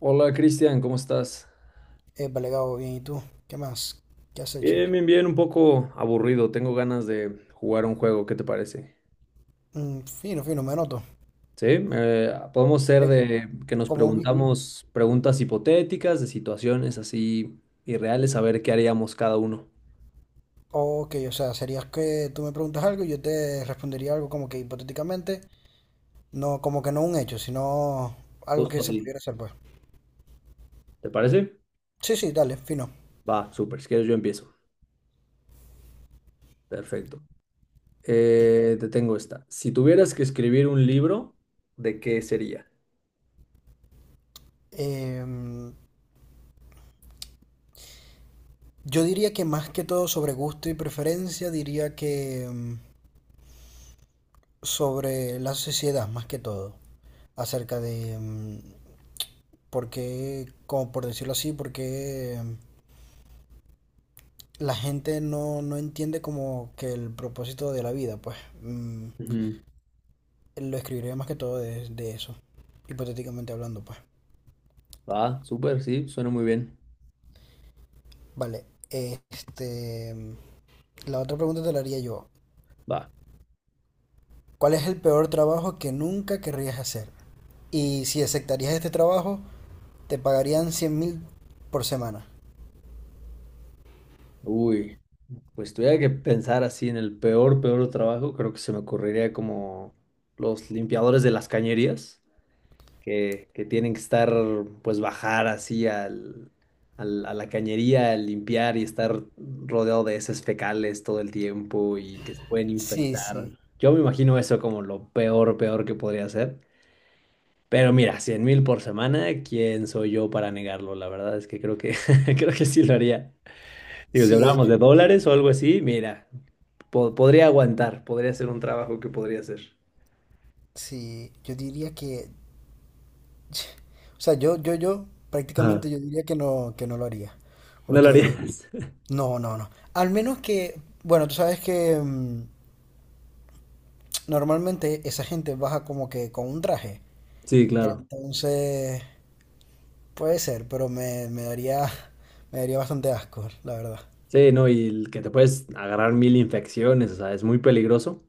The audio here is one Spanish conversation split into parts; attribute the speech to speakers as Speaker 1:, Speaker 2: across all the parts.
Speaker 1: Hola Cristian, ¿cómo estás?
Speaker 2: Épale, Gabo, bien, ¿y tú? ¿Qué más? ¿Qué has hecho?
Speaker 1: Bien, bien, bien, un poco aburrido. Tengo ganas de jugar un juego, ¿qué te parece?
Speaker 2: Mm, fino, fino, me noto.
Speaker 1: Sí, podemos ser
Speaker 2: Que
Speaker 1: de que nos
Speaker 2: como vi...
Speaker 1: preguntamos preguntas hipotéticas, de situaciones así irreales, a ver qué haríamos cada uno.
Speaker 2: Ok, o sea, serías que tú me preguntas algo y yo te respondería algo como que hipotéticamente, no, como que no un hecho, sino algo que
Speaker 1: Justo
Speaker 2: se pudiera
Speaker 1: así,
Speaker 2: hacer, pues.
Speaker 1: ¿te parece?
Speaker 2: Sí, sí, dale, fino.
Speaker 1: Va, súper, si quieres yo empiezo. Perfecto. Te tengo esta. Si tuvieras que escribir un libro, ¿de qué sería?
Speaker 2: Em, yo diría que más que todo sobre gusto y preferencia, diría que sobre la sociedad, más que todo. Acerca de por qué, como por decirlo así, por qué la gente no, no entiende como que el propósito de la vida, pues.
Speaker 1: Ujú.
Speaker 2: Lo escribiré más que todo de eso, hipotéticamente hablando, pues.
Speaker 1: Va, súper, sí, suena muy bien.
Speaker 2: Vale, este, la otra pregunta te la haría yo.
Speaker 1: Va.
Speaker 2: ¿Cuál es el peor trabajo que nunca querrías hacer? Y si aceptarías este trabajo, te pagarían 100.000 por semana.
Speaker 1: Uy. Pues tuviera que pensar así en el peor, peor trabajo, creo que se me ocurriría como los limpiadores de las cañerías, que tienen que estar, pues bajar así a la cañería, a limpiar y estar rodeado de heces fecales todo el tiempo y que se pueden
Speaker 2: Sí,
Speaker 1: infectar.
Speaker 2: sí,
Speaker 1: Yo me imagino eso como lo peor, peor que podría ser. Pero mira, 100.000 por semana, ¿quién soy yo para negarlo? La verdad es que creo que, creo que sí lo haría. Digo, si
Speaker 2: sí,
Speaker 1: hablábamos de dólares o algo así, mira, podría aguantar, podría ser un trabajo que podría hacer.
Speaker 2: sí, yo diría que, o sea, yo,
Speaker 1: Ajá,
Speaker 2: prácticamente yo diría que no lo haría,
Speaker 1: no lo
Speaker 2: porque
Speaker 1: harías.
Speaker 2: no, no, no. Al menos que, bueno, tú sabes que normalmente esa gente baja como que con un traje.
Speaker 1: Sí, claro.
Speaker 2: Entonces, puede ser, pero me daría bastante asco, la verdad.
Speaker 1: Sí, no, y el que te puedes agarrar mil infecciones, o sea, es muy peligroso,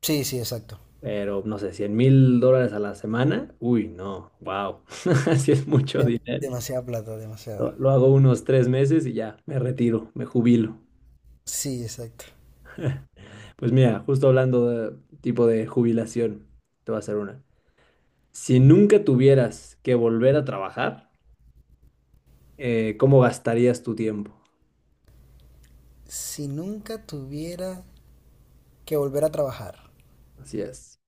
Speaker 2: Sí, sí, exacto.
Speaker 1: pero no sé, 100.000 dólares a la semana, uy, no, wow, así es mucho
Speaker 2: De-
Speaker 1: dinero.
Speaker 2: demasiada plata,
Speaker 1: Lo,
Speaker 2: demasiada.
Speaker 1: lo hago unos 3 meses y ya, me retiro, me jubilo.
Speaker 2: Sí, exacto.
Speaker 1: Pues mira, justo hablando de tipo de jubilación, te voy a hacer una. Si nunca tuvieras que volver a trabajar, ¿cómo gastarías tu tiempo?
Speaker 2: Si nunca tuviera que volver a trabajar,
Speaker 1: Así es.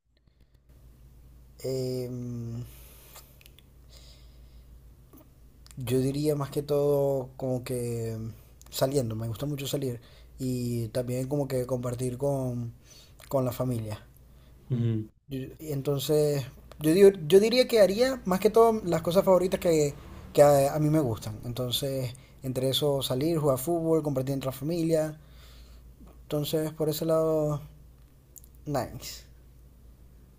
Speaker 2: em, yo diría más que todo como que saliendo, me gusta mucho salir y también como que compartir con la familia.
Speaker 1: Ujú.
Speaker 2: Entonces, yo diría que haría más que todo las cosas favoritas que a mí me gustan. Entonces, entre eso salir, jugar fútbol, compartir entre la familia. Entonces, por ese lado, nice.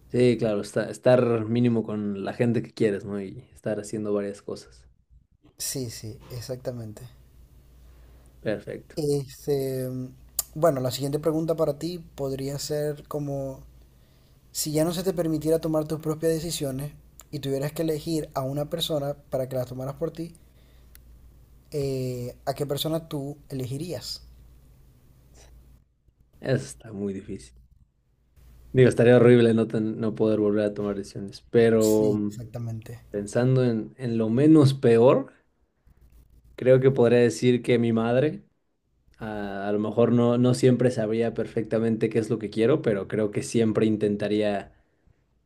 Speaker 1: Sí, claro, estar mínimo con la gente que quieres, ¿no? Y estar haciendo varias cosas.
Speaker 2: Sí, sí, exactamente.
Speaker 1: Perfecto.
Speaker 2: Este, bueno, la siguiente pregunta para ti podría ser como... Si ya no se te permitiera tomar tus propias decisiones y tuvieras que elegir a una persona para que las tomaras por ti, ¿a qué persona tú elegirías?
Speaker 1: Eso está muy difícil. Digo, estaría horrible no, no poder volver a tomar decisiones, pero
Speaker 2: Sí, exactamente.
Speaker 1: pensando en lo menos peor, creo que podría decir que mi madre, a lo mejor no siempre sabría perfectamente qué es lo que quiero, pero creo que siempre intentaría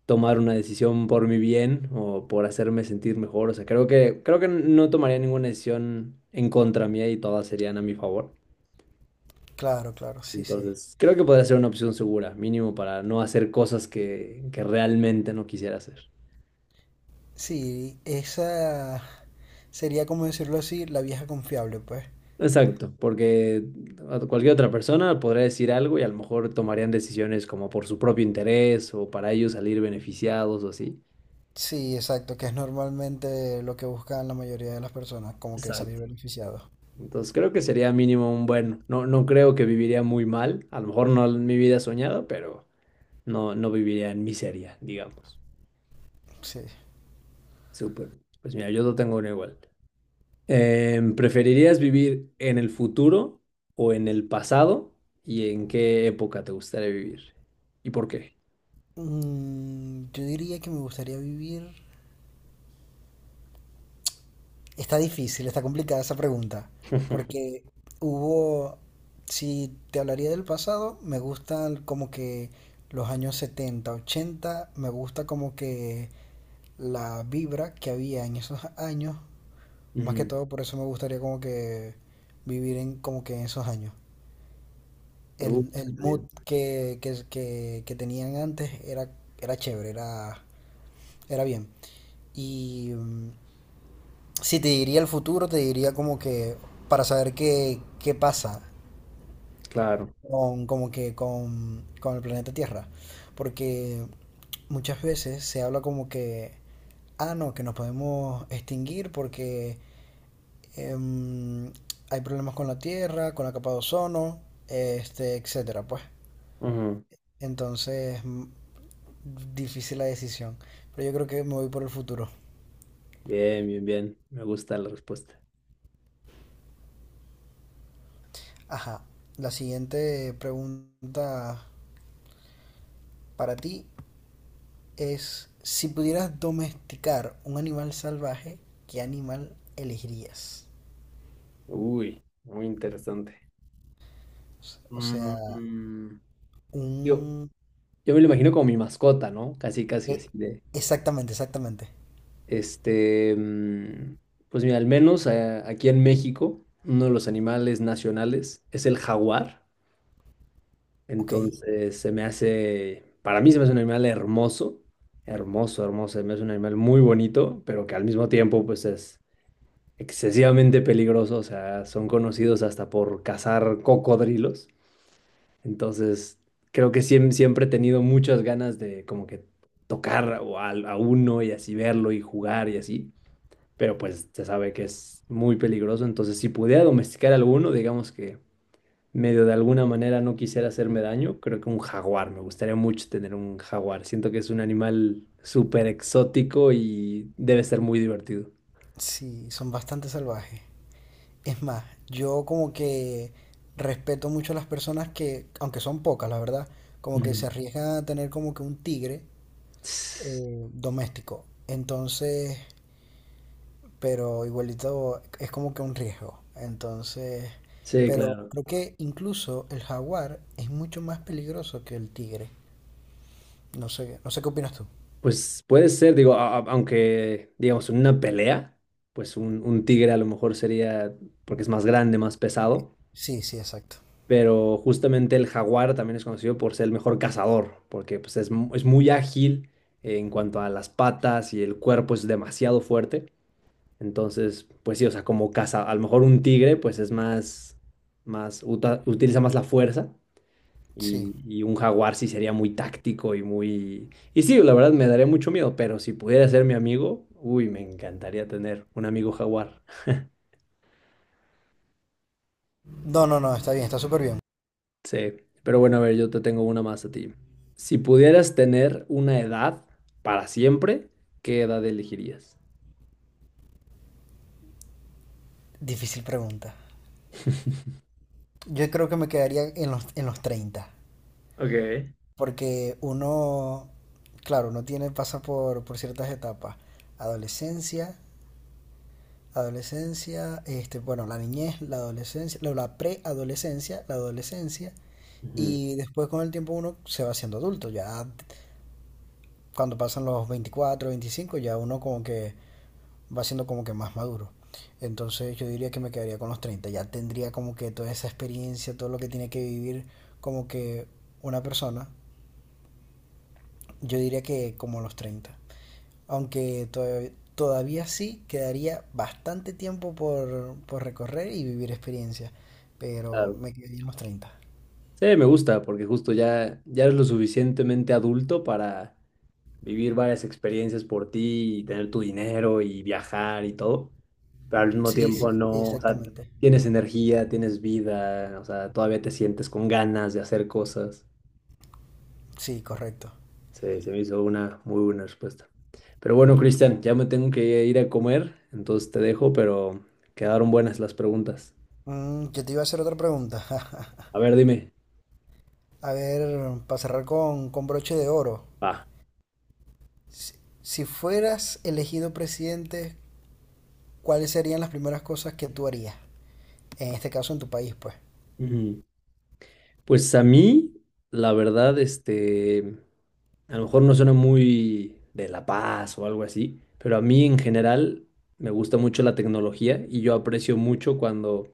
Speaker 1: tomar una decisión por mi bien o por hacerme sentir mejor. O sea, creo que no tomaría ninguna decisión en contra mía y todas serían a mi favor.
Speaker 2: Claro, claro, sí, sí.
Speaker 1: Entonces, creo que podría ser una opción segura, mínimo para no hacer cosas que realmente no quisiera hacer.
Speaker 2: Sí, esa sería como decirlo así, la vieja confiable, pues.
Speaker 1: Exacto, porque a cualquier otra persona podría decir algo y a lo mejor tomarían decisiones como por su propio interés o para ellos salir beneficiados o así.
Speaker 2: Sí, exacto, que es normalmente lo que buscan la mayoría de las personas, como que salir
Speaker 1: Exacto.
Speaker 2: beneficiados.
Speaker 1: Entonces creo que sería mínimo un bueno. No, no creo que viviría muy mal. A lo mejor no mi vida soñada, pero no, no viviría en miseria, digamos.
Speaker 2: Sí.
Speaker 1: Súper. Pues mira, yo no tengo uno igual. ¿Preferirías vivir en el futuro o en el pasado? ¿Y en qué época te gustaría vivir? ¿Y por qué?
Speaker 2: Yo diría que me gustaría vivir. Está difícil, está complicada esa pregunta, porque hubo, si te hablaría del pasado, me gustan como que los años 70 80, me gusta como que la vibra que había en esos años, más que
Speaker 1: Ujú.
Speaker 2: todo por eso me gustaría como que vivir en como que en esos años. El
Speaker 1: Suena
Speaker 2: mood
Speaker 1: bien.
Speaker 2: que tenían antes era, era chévere, era bien. Y si te diría el futuro, te diría como que para saber qué pasa
Speaker 1: Claro.
Speaker 2: como que con el planeta Tierra. Porque muchas veces se habla como que, ah, no, que nos podemos extinguir porque em, hay problemas con la Tierra, con la capa de ozono, este, etcétera, pues.
Speaker 1: Ujú.
Speaker 2: Entonces, difícil la decisión. Pero yo creo que me voy por el futuro.
Speaker 1: Bien, bien, bien. Me gusta la respuesta.
Speaker 2: Ajá. La siguiente pregunta para ti es, si pudieras domesticar un animal salvaje, ¿qué animal elegirías?
Speaker 1: Uy, muy interesante.
Speaker 2: O
Speaker 1: Mm,
Speaker 2: sea,
Speaker 1: mm. Yo,
Speaker 2: un...
Speaker 1: yo me lo imagino como mi mascota, ¿no? Casi, casi
Speaker 2: e-
Speaker 1: así de.
Speaker 2: Exactamente, exactamente.
Speaker 1: Este, pues mira, al menos aquí en México, uno de los animales nacionales es el jaguar.
Speaker 2: Ok,
Speaker 1: Entonces, se me hace, para mí se me hace un animal hermoso, hermoso, hermoso. Se me hace un animal muy bonito, pero que al mismo tiempo, pues es excesivamente peligroso. O sea, son conocidos hasta por cazar cocodrilos. Entonces, creo que siempre he tenido muchas ganas de como que tocar o a uno y así verlo y jugar y así, pero pues se sabe que es muy peligroso, entonces si pudiera domesticar alguno, digamos que medio de alguna manera no quisiera hacerme daño, creo que un jaguar, me gustaría mucho tener un jaguar, siento que es un animal súper exótico y debe ser muy divertido.
Speaker 2: sí, son bastante salvajes. Es más, yo como que respeto mucho a las personas que, aunque son pocas, la verdad, como que
Speaker 1: Ujú.
Speaker 2: se arriesgan a tener como que un tigre doméstico. Entonces, pero igualito es como que un riesgo. Entonces,
Speaker 1: Sí,
Speaker 2: pero
Speaker 1: claro.
Speaker 2: creo que incluso el jaguar es mucho más peligroso que el tigre. No sé, no sé qué opinas tú.
Speaker 1: Pues puede ser, digo, aunque digamos en una pelea, pues un tigre a lo mejor sería, porque es más grande, más pesado,
Speaker 2: Sí, sí, exacto.
Speaker 1: pero justamente el jaguar también es conocido por ser el mejor cazador, porque pues, es, es muy ágil en cuanto a las patas y el cuerpo es demasiado fuerte. Entonces, pues sí, o sea, como caza, a lo mejor un tigre pues es más, más, utiliza más la fuerza
Speaker 2: Sí.
Speaker 1: y un jaguar sí sería muy táctico y muy... Y sí, la verdad me daría mucho miedo, pero si pudiera ser mi amigo, uy, me encantaría tener un amigo jaguar.
Speaker 2: No, no, no, está bien, está súper bien.
Speaker 1: Sí, pero bueno, a ver, yo te tengo una más a ti. Si pudieras tener una edad para siempre, ¿qué edad elegirías?
Speaker 2: Difícil pregunta. Yo creo que me quedaría en los 30,
Speaker 1: Ok.
Speaker 2: porque uno, claro, uno tiene, pasa por ciertas etapas. Adolescencia, adolescencia, este, bueno, la niñez, la adolescencia, la preadolescencia, la adolescencia,
Speaker 1: Ujú,
Speaker 2: y después con el tiempo uno se va haciendo adulto, ya cuando pasan los 24 25 ya uno como que va siendo como que más maduro. Entonces yo diría que me quedaría con los 30, ya tendría como que toda esa experiencia, todo lo que tiene que vivir como que una persona, yo diría que como los 30. Aunque todavía, todavía sí quedaría bastante tiempo por recorrer y vivir experiencias, pero
Speaker 1: claro.
Speaker 2: me quedaría en los 30.
Speaker 1: Sí, me gusta porque justo ya, ya eres lo suficientemente adulto para vivir varias experiencias por ti y tener tu dinero y viajar y todo, pero al mismo, sí,
Speaker 2: Sí,
Speaker 1: tiempo
Speaker 2: sí,
Speaker 1: no, o sea,
Speaker 2: exactamente.
Speaker 1: tienes energía, tienes vida, o sea, todavía te sientes con ganas de hacer cosas.
Speaker 2: Sí, correcto.
Speaker 1: Se me hizo una muy buena respuesta. Pero bueno, Cristian, ya me tengo que ir a comer, entonces te dejo, pero quedaron buenas las preguntas.
Speaker 2: Yo te iba a hacer otra pregunta.
Speaker 1: A ver, dime.
Speaker 2: A ver, para cerrar con broche de oro.
Speaker 1: Va.
Speaker 2: Si, si fueras elegido presidente, ¿cuáles serían las primeras cosas que tú harías? En este caso, en tu país, pues.
Speaker 1: Ujú. Pues a mí, la verdad, este, a lo mejor no suena muy de La Paz o algo así, pero a mí en general me gusta mucho la tecnología y yo aprecio mucho cuando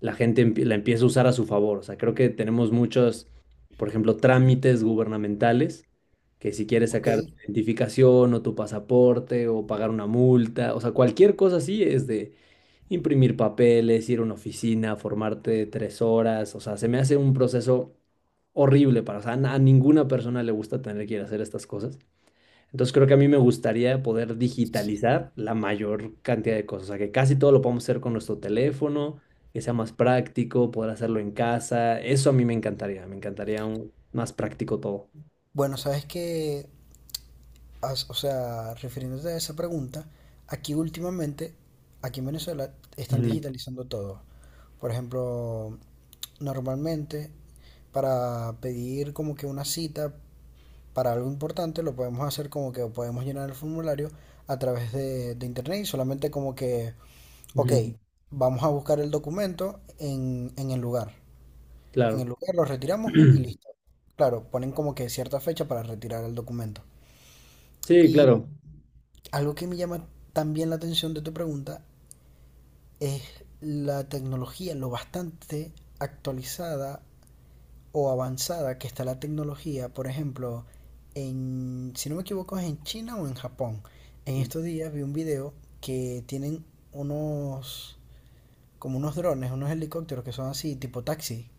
Speaker 1: la gente la empieza a usar a su favor. O sea, creo que tenemos muchos, por ejemplo, trámites gubernamentales, que si quieres
Speaker 2: Ok.
Speaker 1: sacar tu identificación o tu pasaporte o pagar una multa, o sea, cualquier cosa así es de imprimir papeles, ir a una oficina, formarte 3 horas. O sea, se me hace un proceso horrible para, o sea, a ninguna persona le gusta tener que ir a hacer estas cosas. Entonces creo que a mí me gustaría poder
Speaker 2: Sí.
Speaker 1: digitalizar la mayor cantidad de cosas, o sea, que casi todo lo podamos hacer con nuestro teléfono, que sea más práctico, poder hacerlo en casa, eso a mí me encantaría más práctico todo.
Speaker 2: Bueno, sabes que, o sea, refiriéndote a esa pregunta, aquí últimamente, aquí en Venezuela, están
Speaker 1: Ujú,
Speaker 2: digitalizando todo. Por ejemplo, normalmente, para pedir como que una cita para algo importante lo podemos hacer como que podemos llenar el formulario a través de internet y solamente como que, ok,
Speaker 1: ujú,
Speaker 2: vamos a buscar el documento en el lugar. En
Speaker 1: claro.
Speaker 2: el lugar lo retiramos y listo. Claro, ponen como que cierta fecha para retirar el documento.
Speaker 1: Sí,
Speaker 2: Y
Speaker 1: claro.
Speaker 2: algo que me llama también la atención de tu pregunta es la tecnología, lo bastante actualizada o avanzada que está la tecnología, por ejemplo, si no me equivoco, es en China o en Japón. En estos días vi un video que tienen unos, como unos drones, unos helicópteros que son así, tipo taxi.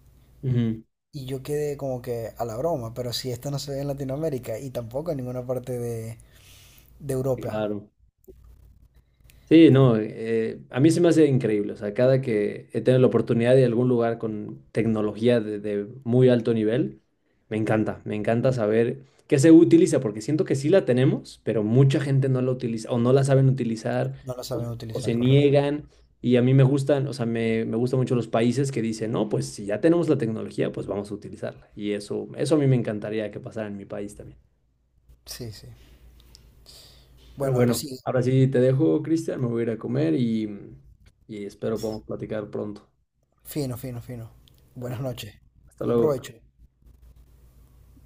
Speaker 1: Ujú,
Speaker 2: Y yo quedé como que a la broma, pero si esto no se ve en Latinoamérica y tampoco en ninguna parte de Europa,
Speaker 1: claro. Sí, no, a mí se me hace increíble, o sea, cada que he tenido la oportunidad de algún lugar con tecnología de muy alto nivel, me encanta saber qué se utiliza, porque siento que sí la tenemos, pero mucha gente no la utiliza o no la saben utilizar
Speaker 2: no lo
Speaker 1: o,
Speaker 2: saben
Speaker 1: o se
Speaker 2: utilizar, correcto.
Speaker 1: niegan y a mí me gustan, o sea, me gustan mucho los países que dicen, no, pues si ya tenemos la tecnología, pues vamos a utilizarla y eso a mí me encantaría que pasara en mi país también.
Speaker 2: Sí, sí.
Speaker 1: Pero
Speaker 2: Bueno, ahora
Speaker 1: bueno,
Speaker 2: sí.
Speaker 1: ahora sí te dejo, Cristian, me voy a ir a comer y espero podamos platicar pronto.
Speaker 2: Fino, fino, fino. Buenas
Speaker 1: Perfecto.
Speaker 2: noches.
Speaker 1: Hasta
Speaker 2: Buen
Speaker 1: luego.
Speaker 2: provecho.